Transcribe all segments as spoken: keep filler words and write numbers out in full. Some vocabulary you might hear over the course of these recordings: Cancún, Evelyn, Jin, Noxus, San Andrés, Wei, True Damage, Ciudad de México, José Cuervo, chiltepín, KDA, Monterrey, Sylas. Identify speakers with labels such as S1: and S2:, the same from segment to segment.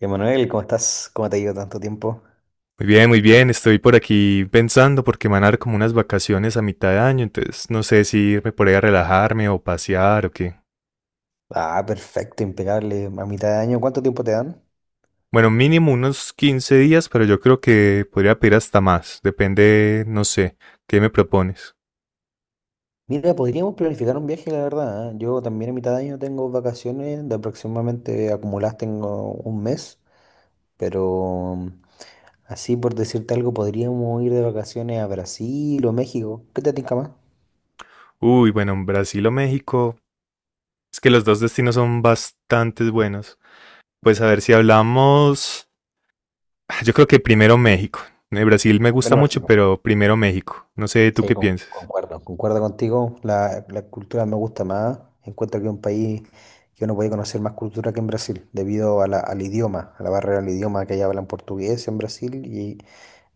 S1: Emanuel, ¿cómo estás? ¿Cómo te ha ido tanto tiempo?
S2: Muy bien, muy bien. Estoy por aquí pensando porque me van a dar como unas vacaciones a mitad de año, entonces no sé si irme por ahí a relajarme o pasear o qué.
S1: Ah, perfecto, impecable. A mitad de año, ¿cuánto tiempo te dan?
S2: Bueno, mínimo unos quince días, pero yo creo que podría pedir hasta más. Depende, no sé, ¿qué me propones?
S1: Mira, podríamos planificar un viaje, la verdad. ¿Eh? Yo también a mitad de año tengo vacaciones, de aproximadamente acumuladas tengo un mes, pero mm, así por decirte algo, podríamos ir de vacaciones a Brasil o México. ¿Qué te tinca más?
S2: Uy, bueno, en Brasil o México. Es que los dos destinos son bastante buenos. Pues a ver si hablamos. Ah, yo creo que primero México. Eh, Brasil me gusta
S1: Bueno,
S2: mucho,
S1: México.
S2: pero primero México. No sé, ¿tú
S1: Sí,
S2: qué
S1: con-
S2: piensas?
S1: concuerdo, concuerdo contigo. La, la cultura me gusta más. Encuentro que es un país que uno puede conocer más cultura que en Brasil, debido a la- al idioma, a la barrera del idioma que allá hablan portugués en Brasil y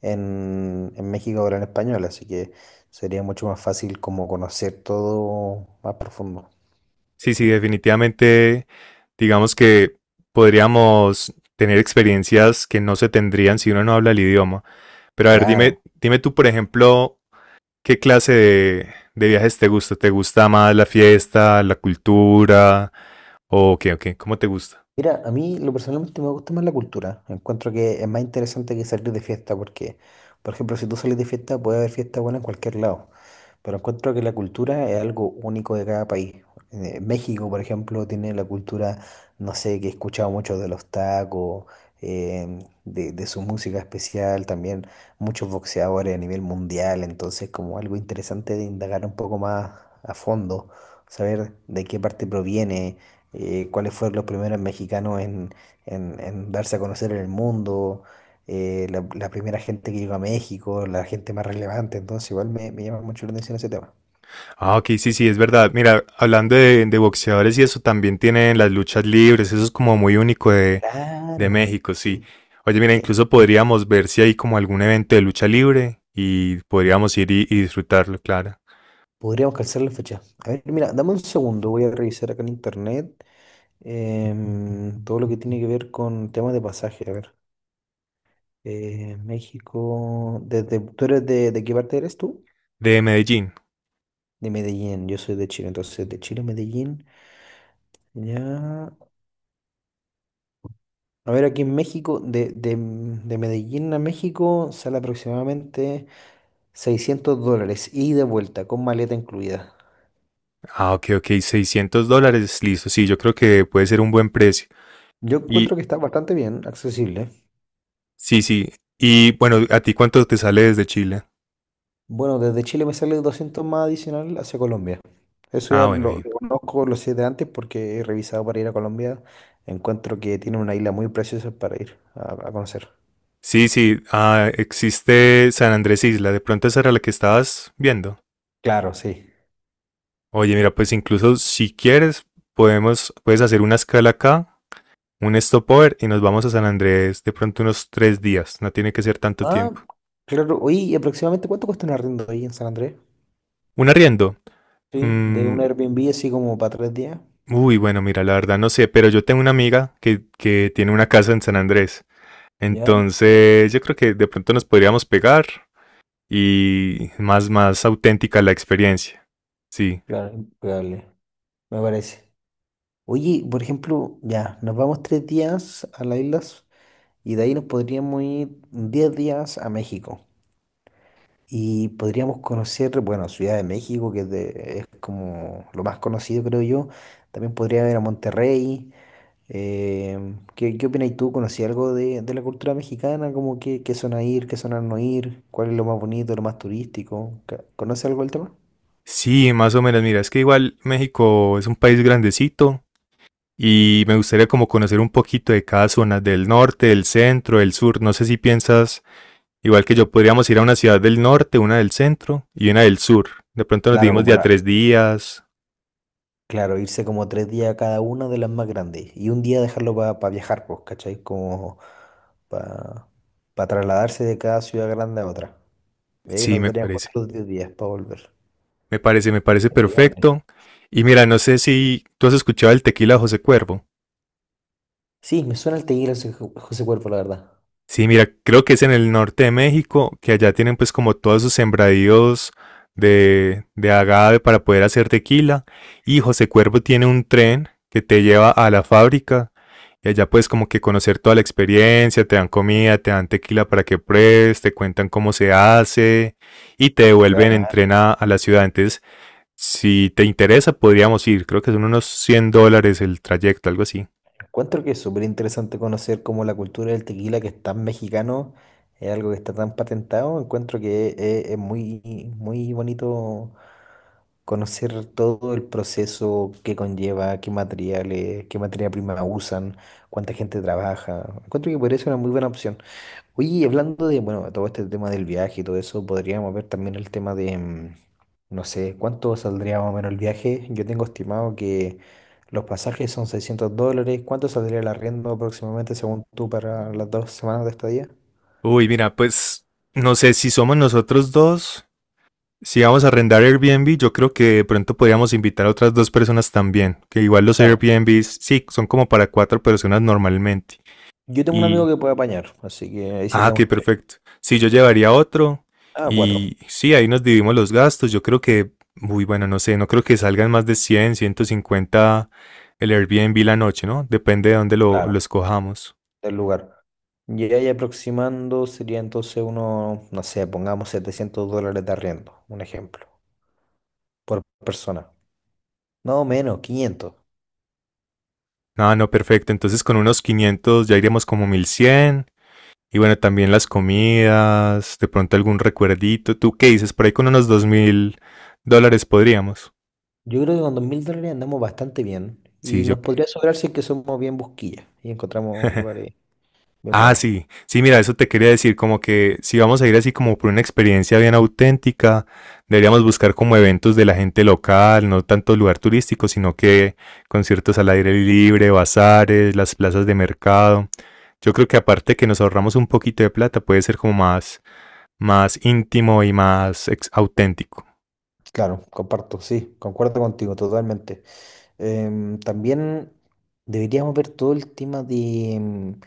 S1: en, en México hablan español, así que sería mucho más fácil como conocer todo más profundo.
S2: Sí, sí, definitivamente, digamos que podríamos tener experiencias que no se tendrían si uno no habla el idioma. Pero a ver,
S1: Claro.
S2: dime, dime tú, por ejemplo, ¿qué clase de, de viajes te gusta? ¿Te gusta más la fiesta, la cultura? ¿O qué, o qué? ¿Cómo te gusta?
S1: Mira, a mí lo personalmente me gusta más la cultura. Encuentro que es más interesante que salir de fiesta porque, por ejemplo, si tú sales de fiesta puede haber fiesta buena en cualquier lado. Pero encuentro que la cultura es algo único de cada país. Eh, México, por ejemplo, tiene la cultura, no sé, que he escuchado mucho de los tacos, em, de, de su música especial, también muchos boxeadores a nivel mundial. Entonces, como algo interesante de indagar un poco más a fondo, saber de qué parte proviene, eh, cuáles fueron los primeros mexicanos en, en- en darse a conocer en el mundo, eh, la, la primera gente que llegó a México, la gente más relevante, entonces igual me, me llama mucho la atención ese tema.
S2: Ah, ok, sí, sí, es verdad. Mira, hablando de, de boxeadores y eso, también tienen las luchas libres, eso es como muy único de, De
S1: Claro,
S2: México, sí.
S1: sí,
S2: Oye, mira,
S1: sí.
S2: incluso podríamos ver si hay como algún evento de lucha libre y podríamos ir y, y disfrutarlo, claro.
S1: Podríamos calzar la fecha. A ver, mira, dame un segundo, voy a revisar acá en internet, em, todo lo que tiene que ver con temas de pasaje. A ver, eh, México, desde, ¿tú eres de, de qué parte eres tú?
S2: De Medellín.
S1: De Medellín, yo soy de Chile, entonces de Chile a Medellín, ya. A ver, aquí en México, de, de- de Medellín a México sale aproximadamente seiscientos dólares y de vuelta, con maleta incluida.
S2: Ah, ok, ok, seiscientos dólares, listo. Sí, yo creo que puede ser un buen precio.
S1: Yo
S2: Y
S1: encuentro que está bastante bien, accesible.
S2: sí, sí. Y bueno, ¿a ti cuánto te sale desde Chile?
S1: Bueno, desde Chile me sale doscientos más adicional hacia Colombia. Eso
S2: Ah,
S1: ya
S2: bueno,
S1: lo,
S2: bien.
S1: lo conozco, lo sé de antes porque he revisado para ir a Colombia. Encuentro que tiene una isla muy preciosa para ir a, a conocer.
S2: Sí, sí, ah, existe San Andrés Isla. De pronto esa era la que estabas viendo.
S1: Claro, sí.
S2: Oye, mira, pues incluso si quieres, podemos, puedes hacer una escala acá un stopover y nos vamos a San Andrés de pronto unos tres días, no tiene que ser tanto
S1: Ah,
S2: tiempo.
S1: claro. Oye, ¿y aproximadamente cuánto cuesta un arriendo ahí en San Andrés?
S2: Un arriendo.
S1: Sí, de
S2: mm,
S1: un Airbnb así como para tres días.
S2: Uy, bueno, mira, la verdad no sé, pero yo tengo una amiga que, que tiene una casa en San Andrés.
S1: ¿Ya?
S2: Entonces, yo creo que de pronto nos podríamos pegar y más, más auténtica la experiencia. Sí.
S1: Claro, probable, me parece. Oye, por ejemplo, ya, nos vamos tres días a las islas y de ahí nos podríamos ir diez días a México. Y podríamos conocer, bueno, Ciudad de México, que es, de- es como lo más conocido, creo yo. También podría ir a Monterrey. Em, ¿qué, qué opinas tú? ¿Conocí algo de, de la cultura mexicana? ¿Como que, qué zona ir, qué zona no ir? ¿Cuál es lo más bonito, lo más turístico? ¿Ca- ¿Conoces algo del tema?
S2: Sí, más o menos. Mira, es que igual México es un país grandecito y me gustaría como conocer un poquito de cada zona del norte, del centro, del sur. No sé si piensas igual que yo, podríamos ir a una ciudad del norte, una del centro y una del sur. De pronto nos
S1: Claro,
S2: dimos de
S1: como
S2: a
S1: la,
S2: tres días.
S1: Claro, irse como tres días a cada una de las más grandes y un día dejarlo para viajar, pues, ¿cachai? Como para trasladarse de cada ciudad grande a otra. Y ahí
S2: Sí,
S1: nos
S2: me
S1: darían
S2: parece.
S1: cuatro o diez días para volver.
S2: Me parece, me parece
S1: Indudable.
S2: perfecto. Y mira, no sé si tú has escuchado el tequila de José Cuervo.
S1: Sí, me suena el tequila José José Cuervo, la verdad.
S2: Sí, mira, creo que es en el norte de México, que allá tienen pues como todos sus sembradíos de, de agave para poder hacer tequila. Y José Cuervo tiene un tren que te lleva a la fábrica y allá puedes como que conocer toda la experiencia, te dan comida, te dan tequila para que pruebes, te cuentan cómo se hace y te
S1: Qué
S2: devuelven en
S1: bacán.
S2: tren a, a la ciudad. Entonces, si te interesa, podríamos ir. Creo que son unos cien dólares el trayecto, algo así.
S1: Encuentro que es súper interesante conocer cómo la cultura del tequila, que es tan mexicano, es algo que está tan patentado. Encuentro que es, es muy, muy bonito conocer todo el proceso que conlleva, qué materiales, qué materia prima usan, cuánta gente trabaja. Encuentro que podría ser una muy buena opción. Oye, y hablando de, bueno, todo este tema del viaje y todo eso, podríamos ver también el tema de, mm, no sé, cuánto saldría más o menos el viaje. Yo tengo estimado que los pasajes son seiscientos dólares. ¿Cuánto saldría el arriendo aproximadamente según tú para las dos semanas de estadía?
S2: Uy, mira, pues no sé si somos nosotros dos. Si vamos a arrendar Airbnb, yo creo que de pronto podríamos invitar a otras dos personas también, que igual los
S1: Claro.
S2: Airbnbs, sí, son como para cuatro personas normalmente.
S1: Yo tengo un amigo
S2: Y,
S1: que puede apañar, así que ahí
S2: ah, qué
S1: seríamos tres.
S2: perfecto. Sí, yo llevaría otro
S1: Ah, cuatro.
S2: y sí, ahí nos dividimos los gastos. Yo creo que, muy bueno, no sé, no creo que salgan más de cien, ciento cincuenta el Airbnb la noche, ¿no? Depende de dónde lo,
S1: Claro.
S2: lo escojamos.
S1: Del lugar. Y ahí aproximando sería entonces uno, no sé, pongamos setecientos dólares de arriendo, un ejemplo, por persona. No menos, quinientos.
S2: Ah, no, perfecto. Entonces con unos quinientos ya iremos como mil cien. Y bueno, también las comidas, de pronto algún recuerdito. ¿Tú qué dices? Por ahí con unos dos mil dólares podríamos.
S1: Yo creo que con dos mil dólares andamos bastante bien
S2: Sí,
S1: y
S2: yo.
S1: nos podría sobrar si es que somos bien busquillas y encontramos lugares bien
S2: Ah,
S1: buenos.
S2: sí. Sí, mira, eso te quería decir, como que si vamos a ir así como por una experiencia bien auténtica, deberíamos buscar como eventos de la gente local, no tanto lugar turístico, sino que conciertos al aire libre, bazares, las plazas de mercado. Yo creo que aparte que nos ahorramos un poquito de plata, puede ser como más, más, íntimo y más ex- auténtico.
S1: Claro, comparto, sí, concuerdo contigo totalmente. Em, también deberíamos ver todo el tema de... em,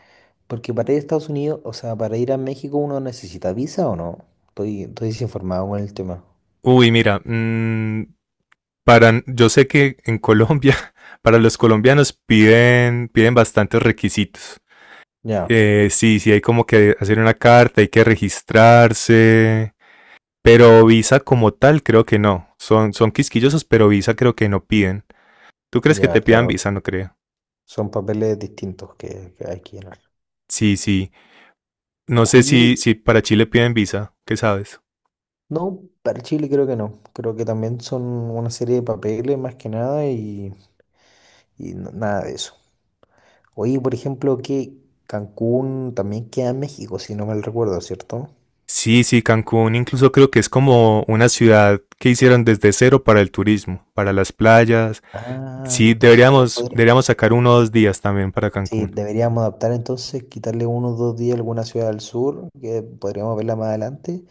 S1: Porque para ir a Estados Unidos, o sea, ¿para ir a México uno necesita visa o no? Estoy, estoy desinformado con el tema.
S2: Uy, mira, mm, para, yo sé que en Colombia, para los colombianos piden, piden bastantes requisitos.
S1: Ya,
S2: Eh, sí, sí, hay como que hacer una carta, hay que registrarse, pero visa como tal creo que no. Son, son quisquillosos, pero visa creo que no piden. ¿Tú crees que
S1: ya,
S2: te pidan visa?
S1: claro.
S2: No creo.
S1: Son papeles distintos que, que hay que llenar.
S2: Sí, sí. No sé si,
S1: Oye,
S2: si para Chile piden visa, ¿qué sabes?
S1: no, para Chile creo que no. Creo que también son una serie de papeles más que nada, y, y n- nada de eso. Oye, por ejemplo, que Cancún también queda en México, si no mal recuerdo, ¿cierto?
S2: Sí, sí, Cancún incluso creo que es como una ciudad que hicieron desde cero para el turismo, para las playas.
S1: Ah,
S2: Sí,
S1: entonces también
S2: deberíamos,
S1: podría.
S2: deberíamos sacar uno o dos días también para
S1: Sí,
S2: Cancún.
S1: deberíamos adaptar entonces, quitarle unos dos días a alguna ciudad del sur, que podríamos verla más adelante,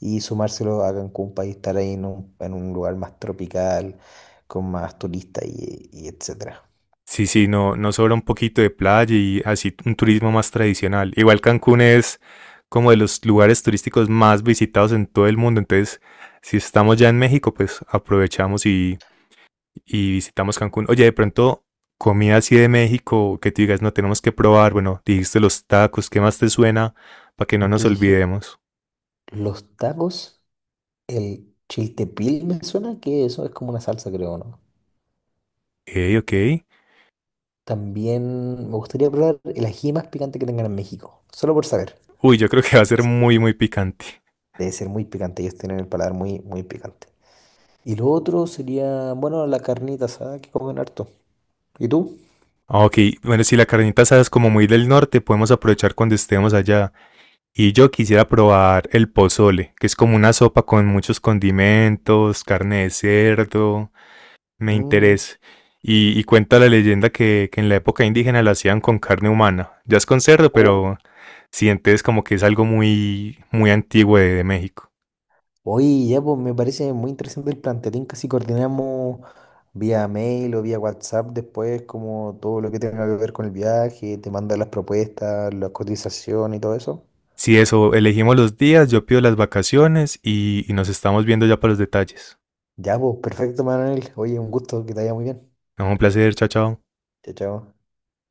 S1: y sumárselo a Cancún para estar ahí en un, en un lugar más tropical, con más turistas y, y etcétera.
S2: Sí, sí, no, no sobra un poquito de playa y así un turismo más tradicional. Igual Cancún es como de los lugares turísticos más visitados en todo el mundo. Entonces, si estamos ya en México, pues aprovechamos y, y visitamos Cancún. Oye, de pronto, comida así de México que tú digas, no tenemos que probar. Bueno, dijiste los tacos, ¿qué más te suena? Para que no nos
S1: Yo dije,
S2: olvidemos.
S1: los tacos, el chiltepín me suena que eso es como una salsa, creo, ¿no?
S2: Ok, ok.
S1: También me gustaría probar el ají más picante que tengan en México, solo por saber.
S2: Uy, yo creo que va a ser muy, muy picante.
S1: Debe ser muy picante, ellos tienen el paladar muy, muy picante. Y lo otro sería, bueno, la carnita asada que comen harto. ¿Y tú?
S2: Ah, ok, bueno, si la carnita asada es como muy del norte, podemos aprovechar cuando estemos allá. Y yo quisiera probar el pozole, que es como una sopa con muchos condimentos, carne de cerdo, me
S1: Mm,
S2: interesa.
S1: Mitch.
S2: Y, y cuenta la leyenda que, que en la época indígena la hacían con carne humana. Ya es con cerdo,
S1: Oh.
S2: pero sientes como que es algo muy, muy antiguo de, de México.
S1: Oye, ya pues me parece muy interesante el plan. ¿Te tinca si coordinamos vía mail o vía WhatsApp después, como todo lo que tenga que ver con el viaje, te manda las propuestas, las cotizaciones y todo eso?
S2: Si eso, elegimos los días, yo pido las vacaciones y, y nos estamos viendo ya para los detalles.
S1: Ya pues, perfecto, Manuel. Oye, un gusto, que te vaya muy bien.
S2: No, un placer, chao, chao.
S1: Chao, chao.